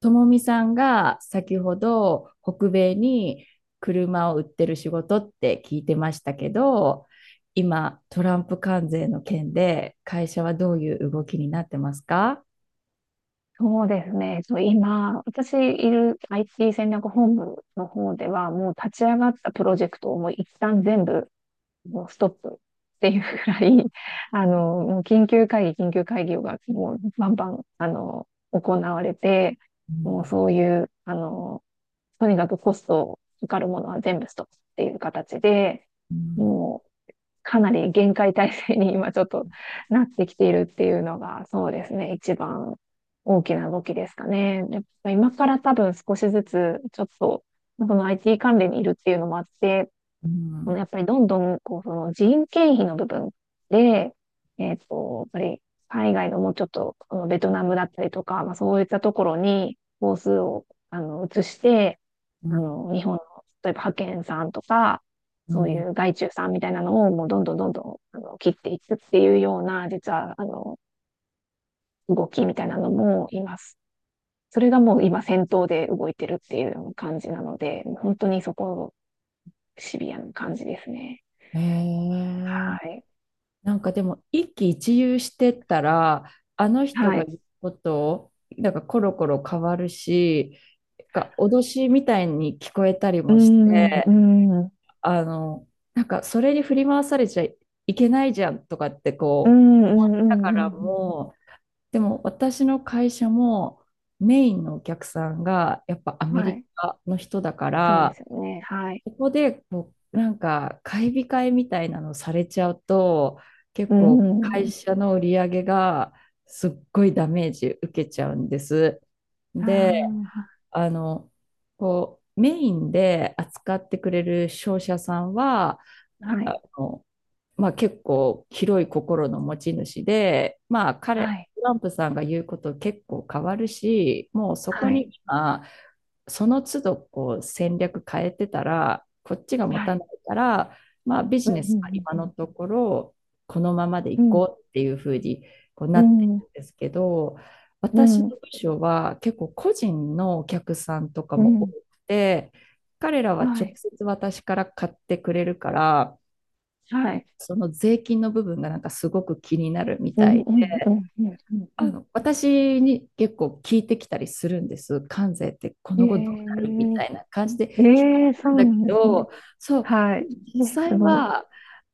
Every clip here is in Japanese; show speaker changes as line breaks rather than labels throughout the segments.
ともみさんが先ほど北米に車を売ってる仕事って聞いてましたけど、今トランプ関税の件で会社はどういう動きになってますか？
そうですね。そう、今、私いる IT 戦略本部の方では、もう立ち上がったプロジェクトをもう一旦全部もうストップっていうくらい、あの、もう緊急会議、緊急会議がもうバンバン、行われて、
う
もう
ん、
そういう、あの、とにかくコストかかるものは全部ストップっていう形で、
うん、
もうかなり厳戒態勢に今ちょっとなってきているっていうのが、そうですね、一番大きな動きですかね。やっぱ今から多分少しずつ、ちょっと、その IT 関連にいるっていうのもあって、
う
この
ん、
やっぱりどんどん、こう、その人件費の部分で、やっぱり海外のもうちょっと、このベトナムだったりとか、まあそういったところに、工数を、移して、
うん、
日本の、例えば派遣さんとか、
う
そうい
ん。
う外注さんみたいなのをもうどんどんどんどん、切っていくっていうような、実は、動きみたいなのもいます。それがもう今先頭で動いてるっていうような感じなので、本当にそこ、シビアな感じですね。
へえ。
はい。
なんかでも一喜一憂してったらあの人
は
が
い。
言うことなんかコロコロ変わるし、なんか脅しみたいに聞こえたり
うー
もして、
ん、うーん、う
あの、なんかそれに振り回されちゃいけないじゃんとかって
ー
こう
ん、うー
思っ
ん、うー
たか
ん、う
ら
ん
もう、でも私の会社もメインのお客さんがやっぱア
うん
メ
は
リ
い。
カの人だか
そうで
ら、
すよね。はい。
ここでこうなんか買い控えみたいなのされちゃうと、結
うー
構会
ん、
社の売り上げがすっごいダメージ受けちゃうんです。で、
あ
あの、こう、メインで扱ってくれる商社さんは、
あ、はい。
あの、まあ、結構広い心の持ち主で、まあ、
は
彼、
い。
トランプさんが言うこと結構変わるし、もうそこ
は
に
い。
今、その都度こう戦略変えてたら、こっちが
はい。
持
は
た
い。
ないから、まあ、ビ
うん、
ジ
う
ネスは
ん、
今
う
の
ん、
ところ、このままで
う
い
ん。うん
こうっていうふうにこう
う
なってい
ん、
るんですけど、
う
私の
ん、
部署は結構個人のお客さんとか
う
も多く
ん。
て、彼らは
は
直
い、
接私から買ってくれるから、
はい。
その税金の部分がなんかすごく気になるみ
う
た
ん、
いで、
うん、うん、うん、うん。うん
私に結構聞いてきたりするんです。関税ってこの後どうな
え
るみたいな感じで
ー、
聞か
え
れ
ー、そ
るん
う
だ
な
け
んですね。
ど、そう、
はい。
実
ね、す
際
ごい。
は、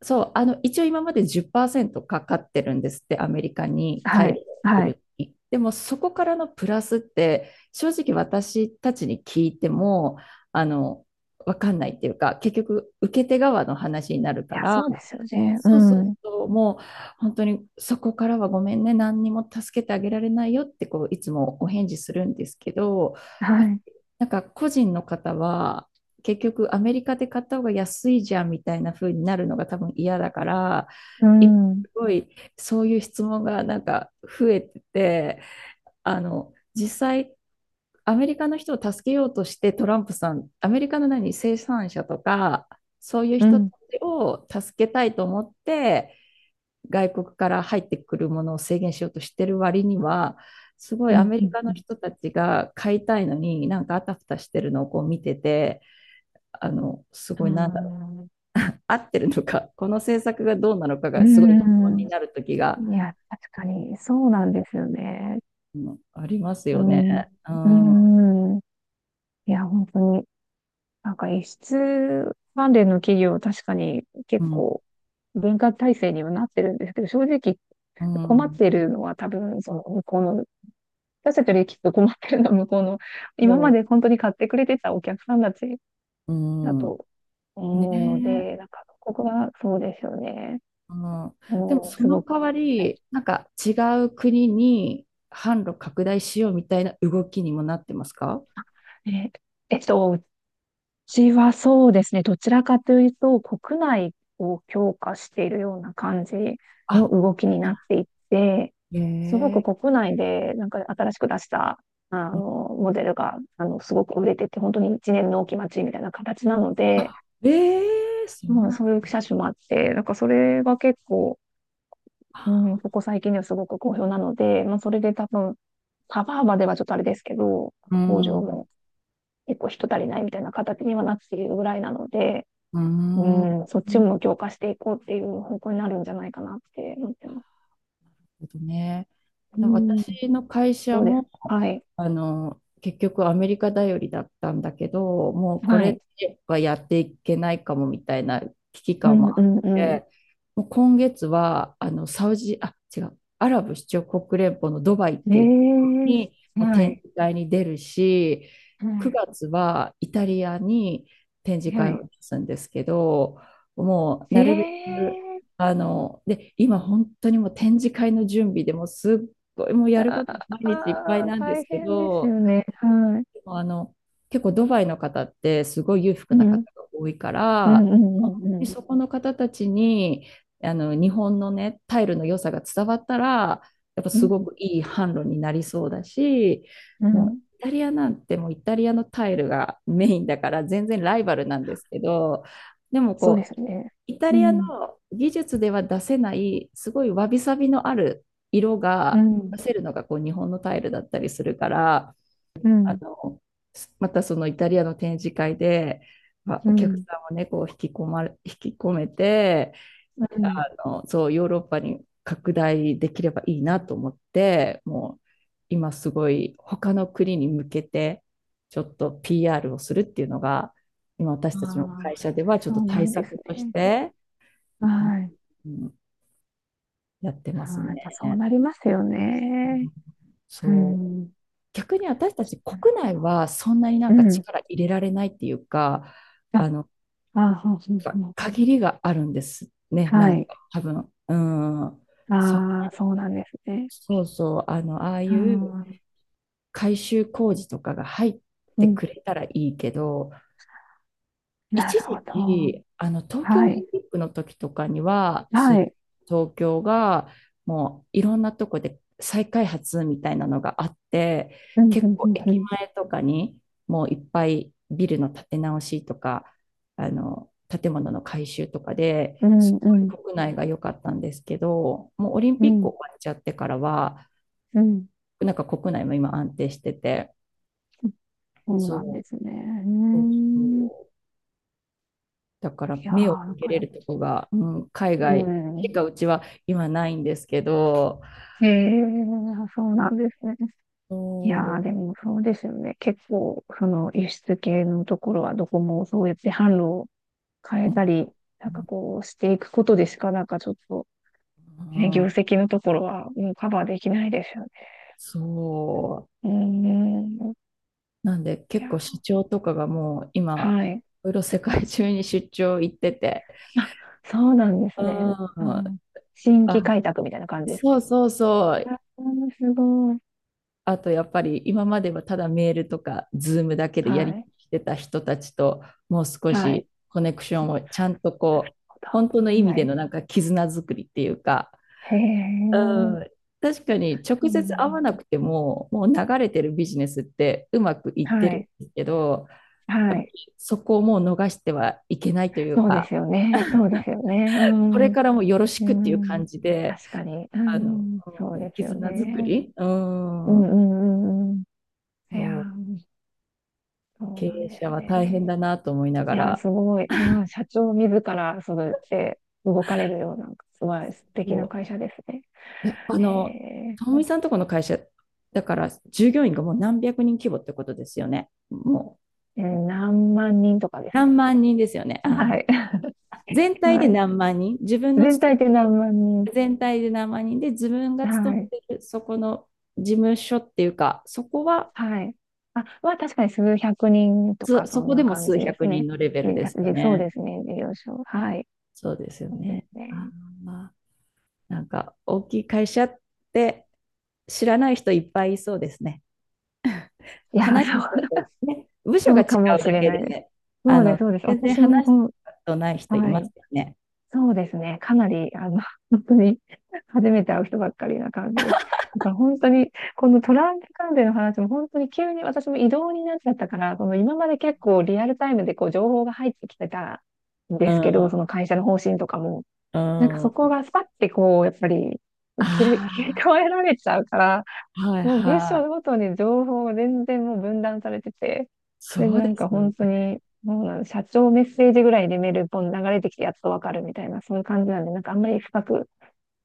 そう、一応今まで10%かかってるんですって、アメリカに
は
大量
い、
に送
はい。い
るに。でもそこからのプラスって、正直私たちに聞いても、あの、わかんないっていうか、結局受け手側の話になるか
や、
ら、
そうですよね。う
そうそう
ん。
そう、もう本当にそこからはごめんね、何にも助けてあげられないよってこういつもお返事するんですけど、や
は
っぱ
い。
なんか個人の方は結局アメリカで買った方が安いじゃんみたいな風になるのが多分嫌だから、
う
今
ん、うん、
すごいそういう質問がなんか増えてて、実際アメリカの人を助けようとしてトランプさん、アメリカの何、生産者とかそういう
う
人た
ん、
ちを助けたいと思って、外国から入ってくるものを制限しようとしてる割には、すごい
う
ア
ん、
メ
う
リカの
ん。
人たちが買いたいのに、なんかあたふたしてるのをこう見てて、すごいなんだろう、合ってるのか、この政策がどうなのか
う
がすごい疑問
ん
に
う
なる時が、
ん。いや、確かに、そうなんですよね。
うん、あります
う
よね。
ん。
うん、う
うん。いや、本当に、なんか、輸出関連の企業、確かに結
ん、
構文化体制にはなってるんですけど、正直
う
困っ
ん、
てるのは多分、その向こうの、私たちよりきっと困ってるのは向こうの、今ま
そ
で本当に買ってくれてたお客さんたち
う、う
だ
ん、
と
ね
思うの
え、
で、なんか、ここはそうですよね。
うん。でも
もうん、
そ
す
の
ごく。
代わ
はい。
り、なんか違う国に販路拡大しようみたいな動きにもなってますか？
え、えっと、私はそうですね、どちらかというと、国内を強化しているような感じの
あ、
動きになっていって、すごく
ええ
国内でなんか新しく出したあの
ー、
モデルがあのすごく売れてて、本当に一年の納期待ちみたいな形なので、
あ、ええー、そう
まあ、
なん
そういう車種もあって、なんかそれが結構、う
だ。
ん、ここ最近ではすごく好評なので、まあ、それで多分、カバーまではちょっとあれですけど、
うー
工場
ん、
も結構人足りないみたいな形にはなっているぐらいなので、
うー
う
ん、なる
ん、そっちも強化していこうっていう方向になるんじゃないかなって思ってます。
ほどね。
うん。
私の会社
どうです
も、
かはい。
結局アメリカ頼りだったんだけど、もうこ
は
れ
い。
はやっていけないかもみたいな危機
う
感
ん
も
う
あっ
んう
て、もう今月は、サウジ、あ、違う、アラブ首長国連邦のドバイっ
ん。
ていうところ
え
に
え
もう
は
展
い。
示会に出るし、
は
9月はイタリアに展示
い。は
会を
い。
出すんですけど、もうなるべく、
ええ
で、今本当にもう展示会の準備でもうすっごいもう
あ
やること毎日いっぱい
あー、
なんで
大
すけ
変ですよ
ど、
ね。はい。
でも結構ドバイの方ってすごい裕福
う
な方
ん。
が多いか
う
ら、
んうんうんう
で
ん。
そこの方たちに日本のね、タイルの良さが伝わったら、やっぱ
う
すご
ん。
くいい販路になりそうだし、
う
もう
ん。
イタリアなんてもうイタリアのタイルがメインだから全然ライバルなんですけど、でも
そうで
こ
す
う
ね。
イタ
う
リアの
ん。
技術では出せない、すごいわびさびのある色
う
が
ん。
出せるのがこう日本のタイルだったりするから、
う
あ
ん。
の、またそのイタリアの展示会で、まあ、
う
お客
ん。
さんをね、こう引き込めて、
うん。
あそう、ヨーロッパに拡大できればいいなと思って、もう今すごい他の国に向けて、ちょっと PR をするっていうのが、今私たちの
あ
会社
あ、
ではちょっ
そ
と
うな
対
んです
策とし
ね。
て、うん、
はい。
うん、やってます
ああ、やっぱそう
ね。
なりますよね。う
そう。
ん。
逆に私たち
なる
国
ほど
内はそんなにな
う
んか
ん。
力入れられないっていうか、
あ、
あの、
あ、そうそうそ
やっ
う。
ぱ限りがあるんですね、
は
なん
い。
か多分。うん。そ、
ああ、そうなんですね。
そうそう、ああ
う
いう
ん。
改修工事とかが入っ
う
て
ん。
くれたらいいけど、
な
一
るほ
時
ど。
期、東京オ
は
リ
い。
ンピックの時とかには、
はい。
東京がもういろんなとこで再開発みたいなのがあって、
うん、う
結構駅
ん、
前とかにもういっぱいビルの建て直しとか、建物の改修とか
う
です
ん、うん。うん、
ごい
うん、
国内が良かったんですけど、もうオリン
う
ピック
ん。
終わっちゃってからは、
うん
なんか国内も今安定してて、
そう
そ
なんで
う、
すね。うー
そう
ん。い
そう、だから
やー、
目を
な
向
ん
け
か、
れるとこが、うん、海
う
外し
ん。
かうちは今ないんですけど、
へえ、そうなんですね。いやー、
そ
でもそうですよね。結構、その輸出系のところはどこもそうやって販路を変
う、
え
う
たり、なんか
ん、
こうしていくことでしかなんかちょっと、
う
ね、業
ん、
績のところはもうカバーできないですよね。
そう。
うーん。
なんで
い
結
やー、
構社長とかがもう今、
はい。
いろいろ世界中に出張行ってて、
あ、そうなんです
う
ね。う
ん、あ、
ん、新規開拓みたいな感じですか。
そうそうそう。
うん、すごい。
あとやっぱり今まではただメールとかズームだけでやり
は
してた人たちともう少
い。はい。
しコネクションをちゃんと
なる
こう
ほ
本当の意
ど。
味
は
での
い。
なんか絆作りっていうか、
へえ。
うん、確かに
う
直接会わ
ん。
なくても、もう流れてるビジネスってうまくいっ
は
てる
い。
んですけど、や
は
っぱり
い。
そこをもう逃してはいけないという
そうで
か、
すよね。そうですよね。う
これ
ん。
からもよろし
う
くっていう
ん。
感じで、
確かに。う
あの、うん、
ん。そうですよ
絆作
ね。
り、う
うんう
ん、
んうんうん。いや
そう、
ー、そう
経
なん
営
で
者
す
は大変
ね。
だなと思いな
い
が
やー、
ら、
すごい。まあ、社長自らそうやって動かれるような、すごい素敵
こ
な会社ですね。
う、やっぱ
え
ともみさんとこの会社、だから従業員がもう何百人規模ってことですよね。もう
ー、えー何万人とかですね。
何万人ですよね。
は
あー
い。
全 体で
はい。
何万人、自分の
全
勤
体で
め
何
て
万人。
る全体で何万人で、自分が
は
勤
い。
めてるそこの事務所っていうか、そこは、
はい。あ、まあ、確かに数百人とか、
そ
そん
こで
な
も
感
数
じです
百人
ね。
のレベル
で、
ですよ
でそう
ね。
ですね。事業所。はい。
そうですよ
そうです
ね。あ
ね。
ー、まあなんか大きい会社って知らない人いっぱいいそうですね。
いやー、
話し
そ
たこ
う、
と、ね、部署
そ
が違
う
う
かもし
だ
れ
け
ない
で
です。
ね、あ
そうです、
の、
そうです。
全然
私も、
話し
う
たことない人
ん
い
は
ま
い。
すよね。
そうですね。かなり、本当に 初めて会う人ばっかりな感じです。だから本当に、このトランプ関連の話も本当に急に私も異動になっちゃったから、その今まで結構リアルタイムでこう情報が入ってきてたん
う
ですけど、
ん、
その会社の方針とかも、
う
なんか
ん。
そこ
あ
がスパッてこう、やっぱり
あ、
切り替えられちゃうから、
はい
もう文
は
章ご
い。
とに情報が全然もう分断されてて、で、
そう
な
で
ん
す
か
よね。
本当に、もうなん社長メッセージぐらいでメールポン流れてきてやっとわかるみたいな、そういう感じなんで、なんかあんまり深く聞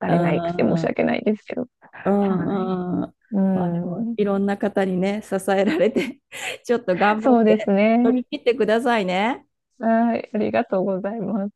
か
あ
れないくて申し
あ、
訳ないですけど。
う
はい。
んうん。
う
まあでも、
ん。
いろんな方にね、支えられて ちょっと頑張
そ
っ
うです
て、乗
ね。
り切ってくださいね。
はい。ありがとうございます。